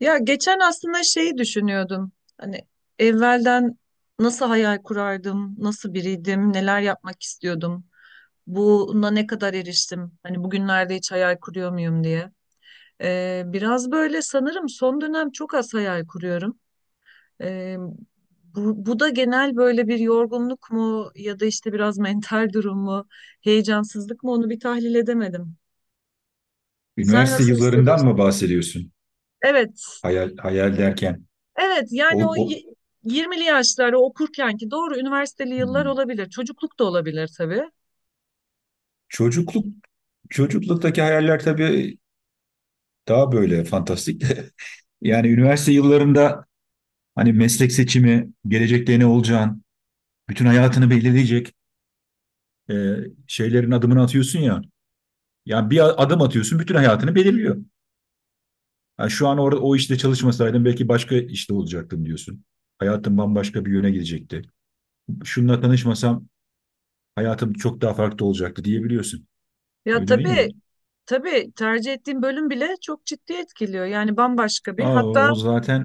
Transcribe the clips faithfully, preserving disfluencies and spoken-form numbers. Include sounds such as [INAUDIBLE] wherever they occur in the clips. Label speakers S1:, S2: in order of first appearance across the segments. S1: Ya geçen aslında şeyi düşünüyordum. Hani evvelden nasıl hayal kurardım, nasıl biriydim, neler yapmak istiyordum. Buna ne kadar eriştim? Hani bugünlerde hiç hayal kuruyor muyum diye. Ee, biraz böyle sanırım son dönem çok az hayal kuruyorum. Ee, bu, bu da genel böyle bir yorgunluk mu ya da işte biraz [LAUGHS] mental durum mu, heyecansızlık mı onu bir tahlil edemedim. Sen
S2: Üniversite
S1: nasıl
S2: yıllarından
S1: hissediyorsun?
S2: mı bahsediyorsun?
S1: Evet,
S2: Hayal, hayal derken.
S1: evet, yani
S2: O,
S1: o
S2: o,
S1: y- yirmili yaşlar okurkenki doğru üniversiteli yıllar
S2: Hmm.
S1: olabilir. Çocukluk da olabilir tabii.
S2: Çocukluk, çocukluktaki hayaller tabii daha böyle fantastik. [LAUGHS] Yani üniversite yıllarında hani meslek seçimi, gelecekte ne olacağın, bütün hayatını belirleyecek e, şeylerin adımını atıyorsun ya. Yani bir a- adım atıyorsun, bütün hayatını belirliyor. Yani şu an orada o işte çalışmasaydım belki başka işte olacaktım diyorsun. Hayatım bambaşka bir yöne gidecekti. Şununla tanışmasam hayatım çok daha farklı olacaktı diyebiliyorsun.
S1: Ya
S2: Öyle değil mi?
S1: tabii, tabii tercih ettiğin bölüm bile çok ciddi etkiliyor. Yani bambaşka bir
S2: Aa, o
S1: hatta
S2: o zaten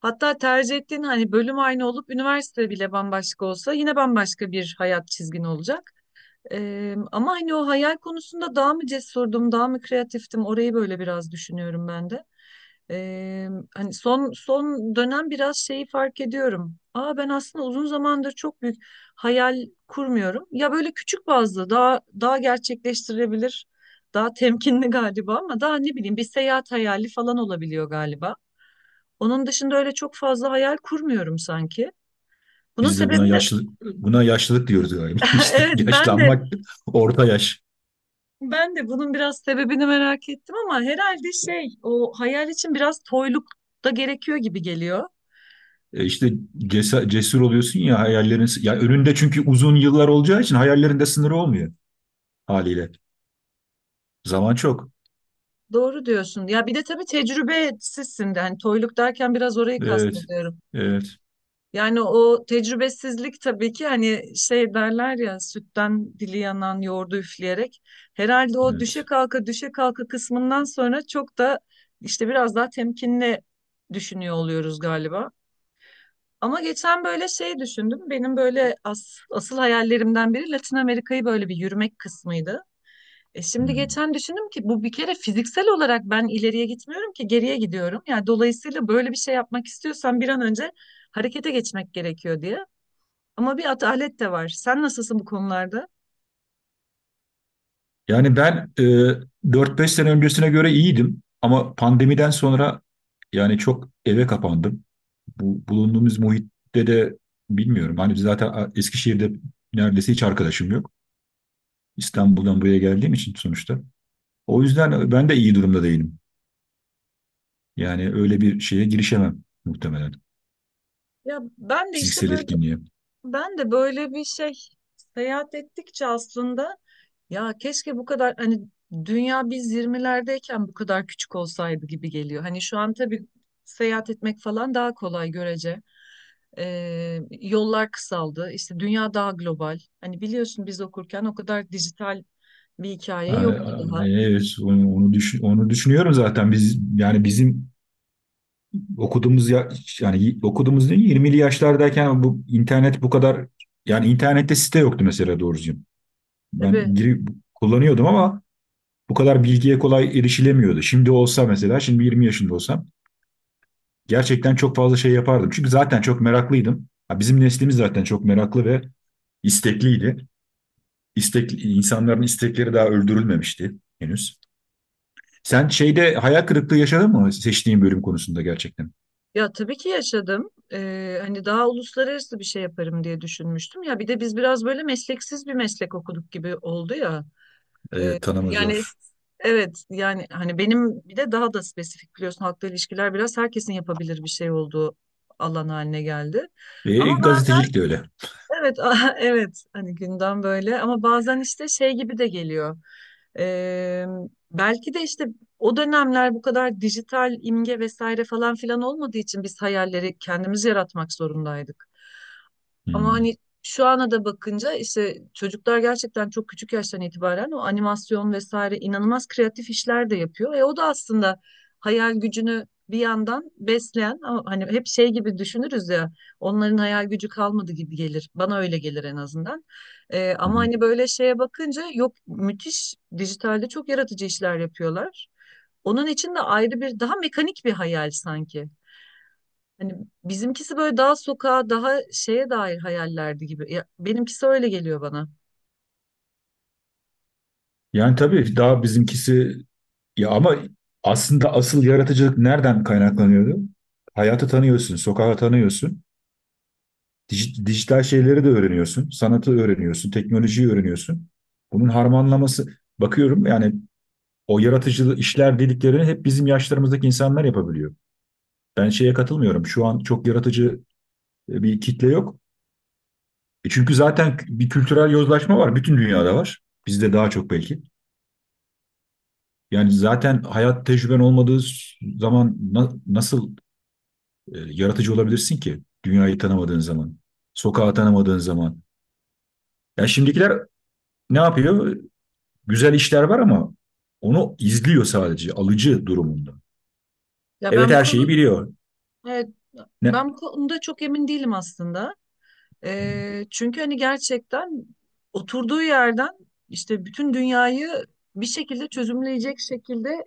S1: hatta tercih ettiğin hani bölüm aynı olup üniversite bile bambaşka olsa yine bambaşka bir hayat çizgin olacak. Ee, ama hani o hayal konusunda daha mı cesurdum, daha mı kreatiftim orayı böyle biraz düşünüyorum ben de. Ee, hani son son dönem biraz şeyi fark ediyorum. Aa, ben aslında uzun zamandır çok büyük hayal kurmuyorum. Ya böyle küçük bazlı daha daha gerçekleştirebilir, daha temkinli [LAUGHS] galiba ama daha ne bileyim bir seyahat hayali falan olabiliyor galiba. Onun dışında öyle çok fazla hayal kurmuyorum sanki. Bunun
S2: biz de
S1: sebebi
S2: buna
S1: de
S2: yaşlı buna yaşlılık diyoruz galiba. [LAUGHS]
S1: [LAUGHS]
S2: İşte
S1: evet, ben de
S2: yaşlanmak, orta yaş.
S1: ben de bunun biraz sebebini merak ettim ama herhalde şey, o hayal için biraz toyluk da gerekiyor gibi geliyor.
S2: E İşte cesa- cesur oluyorsun ya, hayallerin ya önünde, çünkü uzun yıllar olacağı için hayallerinde sınırı olmuyor haliyle. Zaman çok.
S1: Doğru diyorsun. Ya bir de tabii tecrübesizsin de hani toyluk derken biraz orayı
S2: Evet.
S1: kastediyorum.
S2: Evet.
S1: Yani o tecrübesizlik tabii ki hani şey derler ya, sütten dili yanan yoğurdu üfleyerek. Herhalde o
S2: Evet.
S1: düşe kalka düşe kalka kısmından sonra çok da işte biraz daha temkinli düşünüyor oluyoruz galiba. Ama geçen böyle şey düşündüm. Benim böyle as- asıl hayallerimden biri Latin Amerika'yı böyle bir yürümek kısmıydı. E şimdi
S2: Hmm.
S1: geçen düşündüm ki bu bir kere fiziksel olarak ben ileriye gitmiyorum ki, geriye gidiyorum. Yani dolayısıyla böyle bir şey yapmak istiyorsan bir an önce harekete geçmek gerekiyor diye. Ama bir atalet de var. Sen nasılsın bu konularda?
S2: Yani ben e, dört beş sene öncesine göre iyiydim, ama pandemiden sonra yani çok eve kapandım. Bu bulunduğumuz muhitte de bilmiyorum. Hani biz zaten Eskişehir'de neredeyse hiç arkadaşım yok. İstanbul'dan buraya geldiğim için sonuçta. O yüzden ben de iyi durumda değilim. Yani öyle bir şeye girişemem muhtemelen.
S1: Ya ben de işte
S2: Fiziksel
S1: böyle,
S2: etkinliğe.
S1: ben de böyle bir şey, seyahat ettikçe aslında ya keşke bu kadar hani dünya biz yirmilerdeyken bu kadar küçük olsaydı gibi geliyor. Hani şu an tabii seyahat etmek falan daha kolay görece. Ee, yollar kısaldı. İşte dünya daha global. Hani biliyorsun biz okurken o kadar dijital bir hikaye
S2: Evet,
S1: yoktu daha.
S2: onu, onu, düşün- onu düşünüyorum zaten. Biz yani bizim okuduğumuz ya, yani okuduğumuz değil, yirmili yaşlardayken bu internet bu kadar, yani internette site yoktu mesela, doğru.
S1: Tabii,
S2: Ben girip kullanıyordum ama bu kadar bilgiye kolay erişilemiyordu. Şimdi olsa mesela, şimdi yirmi yaşında olsam gerçekten çok fazla şey yapardım. Çünkü zaten çok meraklıydım. Bizim neslimiz zaten çok meraklı ve istekliydi. İstek, insanların istekleri daha öldürülmemişti henüz. Sen şeyde hayal kırıklığı yaşadın mı, seçtiğin bölüm konusunda, gerçekten?
S1: ya tabii ki yaşadım. Ee, hani daha uluslararası bir şey yaparım diye düşünmüştüm. Ya bir de biz biraz böyle mesleksiz bir meslek okuduk gibi oldu ya.
S2: E, tanıma
S1: Yani
S2: zor.
S1: evet, yani hani benim bir de daha da spesifik biliyorsun, halkla ilişkiler biraz herkesin yapabilir bir şey olduğu alan haline geldi. Ama
S2: E,
S1: bazen
S2: gazetecilik de öyle.
S1: evet, [LAUGHS] aha, evet hani gündem böyle, ama bazen işte şey gibi de geliyor. Ee, Belki de işte o dönemler bu kadar dijital imge vesaire falan filan olmadığı için biz hayalleri kendimiz yaratmak zorundaydık. Ama
S2: Hmm.
S1: hani şu ana da bakınca işte çocuklar gerçekten çok küçük yaştan itibaren o animasyon vesaire inanılmaz kreatif işler de yapıyor. E o da aslında hayal gücünü bir yandan besleyen, ama hani hep şey gibi düşünürüz ya, onların hayal gücü kalmadı gibi gelir. Bana öyle gelir en azından. E, ama hani böyle şeye bakınca, yok, müthiş dijitalde çok yaratıcı işler yapıyorlar. Onun için de ayrı bir, daha mekanik bir hayal sanki. Hani bizimkisi böyle daha sokağa, daha şeye dair hayallerdi gibi. Ya, benimkisi öyle geliyor bana.
S2: Yani tabii daha bizimkisi, ya ama aslında asıl yaratıcılık nereden kaynaklanıyordu? Hayatı tanıyorsun, sokağı tanıyorsun. Dij- Dijital şeyleri de öğreniyorsun. Sanatı öğreniyorsun, teknolojiyi öğreniyorsun. Bunun harmanlaması, bakıyorum yani o yaratıcı işler dediklerini hep bizim yaşlarımızdaki insanlar yapabiliyor. Ben şeye katılmıyorum. Şu an çok yaratıcı e, bir kitle yok. E çünkü zaten bir kültürel yozlaşma var. Bütün dünyada var. Bizde daha çok belki. Yani zaten hayat tecrüben olmadığı zaman na- nasıl e, yaratıcı olabilirsin ki? Dünyayı tanımadığın zaman, sokağı tanımadığın zaman. Ya şimdikiler ne yapıyor? Güzel işler var ama onu izliyor, sadece alıcı durumunda.
S1: Ya
S2: Evet,
S1: ben bu
S2: her şeyi
S1: konu,
S2: biliyor.
S1: evet,
S2: Ne?
S1: ben bu konuda çok emin değilim aslında. Ee, çünkü hani gerçekten oturduğu yerden işte bütün dünyayı bir şekilde çözümleyecek şekilde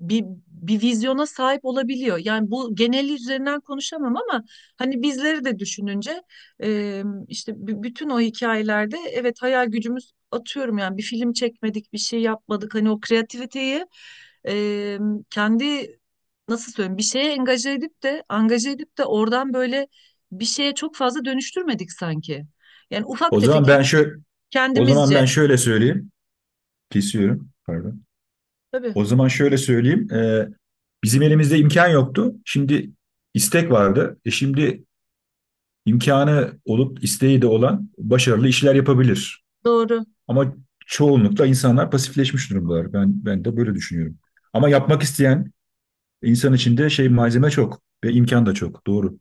S1: bir bir vizyona sahip olabiliyor. Yani bu geneli üzerinden konuşamam ama hani bizleri de düşününce e, işte b- bütün o hikayelerde evet hayal gücümüz atıyorum yani, bir film çekmedik, bir şey yapmadık. Hani o kreativiteyi e, kendi, nasıl söyleyeyim, bir şeye engaje edip de angaje edip de oradan böyle bir şeye çok fazla dönüştürmedik sanki. Yani ufak
S2: O
S1: tefek
S2: zaman
S1: hep
S2: ben şöyle O zaman
S1: kendimizce.
S2: ben şöyle söyleyeyim. Kesiyorum. Pardon.
S1: Tabii,
S2: O zaman şöyle söyleyeyim. Ee, bizim elimizde imkan yoktu. Şimdi istek vardı. E şimdi imkanı olup isteği de olan başarılı işler yapabilir.
S1: doğru.
S2: Ama çoğunlukla insanlar pasifleşmiş durumdalar. Ben ben de böyle düşünüyorum. Ama yapmak isteyen insan içinde şey, malzeme çok ve imkan da çok. Doğru.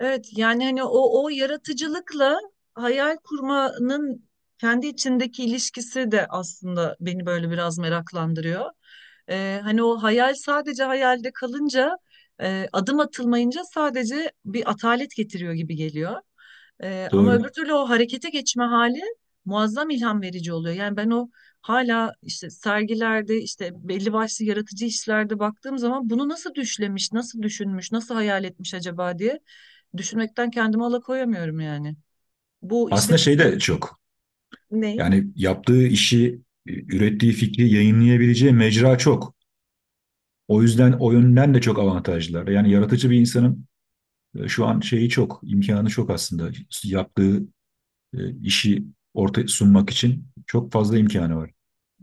S1: Evet yani hani o o yaratıcılıkla hayal kurmanın kendi içindeki ilişkisi de aslında beni böyle biraz meraklandırıyor. Ee, hani o hayal sadece hayalde kalınca e, adım atılmayınca sadece bir atalet getiriyor gibi geliyor. Ee, ama
S2: Doğru.
S1: öbür türlü o harekete geçme hali muazzam ilham verici oluyor. Yani ben o hala işte sergilerde işte belli başlı yaratıcı işlerde baktığım zaman bunu nasıl düşlemiş, nasıl düşünmüş, nasıl hayal etmiş acaba diye düşünmekten kendimi alıkoyamıyorum yani. Bu işte
S2: Aslında şey
S1: kısa,
S2: de çok.
S1: ne?
S2: Yani yaptığı işi, e, ürettiği fikri yayınlayabileceği mecra çok. O yüzden o yönden de çok avantajlılar. Yani yaratıcı bir insanın e, şu an şeyi çok, imkanı çok aslında. Yaptığı e, işi ortaya sunmak için çok fazla imkanı var.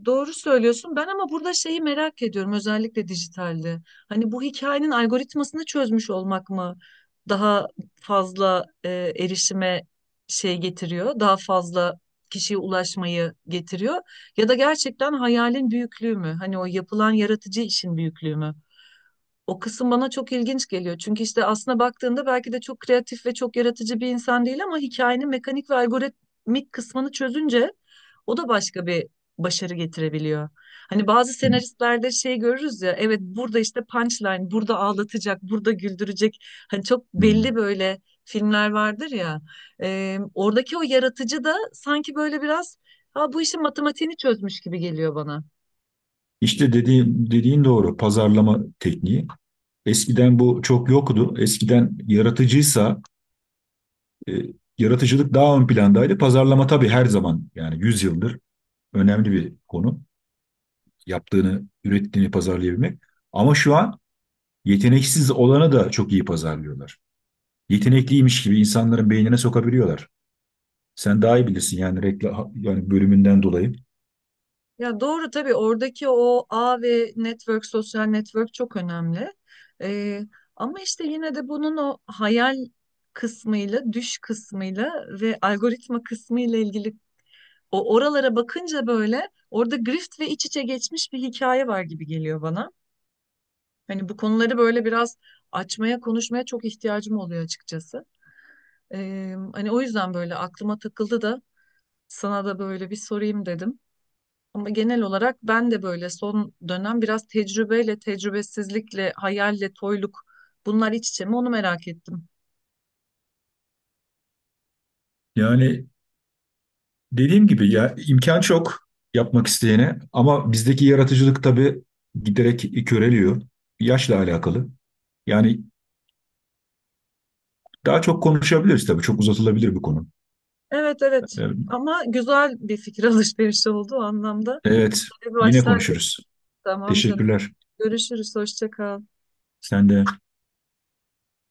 S1: Doğru söylüyorsun. Ben ama burada şeyi merak ediyorum, özellikle dijitalde. Hani bu hikayenin algoritmasını çözmüş olmak mı daha fazla e, erişime şey getiriyor? Daha fazla kişiye ulaşmayı getiriyor? Ya da gerçekten hayalin büyüklüğü mü? Hani o yapılan yaratıcı işin büyüklüğü mü? O kısım bana çok ilginç geliyor. Çünkü işte aslına baktığında belki de çok kreatif ve çok yaratıcı bir insan değil ama hikayenin mekanik ve algoritmik kısmını çözünce o da başka bir başarı getirebiliyor. Hani bazı senaristlerde şey görürüz ya, evet burada işte punchline, burada ağlatacak, burada güldürecek. Hani çok belli
S2: Hmm.
S1: böyle filmler vardır ya. Ee, oradaki o yaratıcı da sanki böyle biraz, ha, bu işin matematiğini çözmüş gibi geliyor bana.
S2: İşte dediğin, dediğin doğru. Pazarlama tekniği. Eskiden bu çok yoktu. Eskiden yaratıcıysa e, yaratıcılık daha ön plandaydı. Pazarlama tabii her zaman, yani yüz yıldır önemli bir konu. Yaptığını, ürettiğini pazarlayabilmek. Ama şu an yeteneksiz olanı da çok iyi pazarlıyorlar. Yetenekliymiş gibi insanların beynine sokabiliyorlar. Sen daha iyi bilirsin yani, reklam yani bölümünden dolayı.
S1: Ya doğru, tabii oradaki o ağ ve network, sosyal network çok önemli. Ee, Ama işte yine de bunun o hayal kısmıyla, düş kısmıyla ve algoritma kısmıyla ilgili, o oralara bakınca böyle orada grift ve iç içe geçmiş bir hikaye var gibi geliyor bana. Hani bu konuları böyle biraz açmaya, konuşmaya çok ihtiyacım oluyor açıkçası. Ee, hani o yüzden böyle aklıma takıldı da sana da böyle bir sorayım dedim. Ama genel olarak ben de böyle son dönem biraz tecrübeyle, tecrübesizlikle, hayalle, toyluk, bunlar iç içe mi onu merak ettim.
S2: Yani dediğim gibi ya, imkan çok yapmak isteyene, ama bizdeki yaratıcılık tabii giderek köreliyor. Yaşla alakalı. Yani daha çok konuşabiliriz tabii. Çok uzatılabilir bu konu.
S1: Evet, evet,
S2: Ee,
S1: ama güzel bir fikir [LAUGHS] alışverişi oldu o anlamda.
S2: Evet,
S1: Böyle bir
S2: yine
S1: başlangıç.
S2: konuşuruz.
S1: Tamam canım.
S2: Teşekkürler.
S1: Görüşürüz. Hoşça kal.
S2: Sen de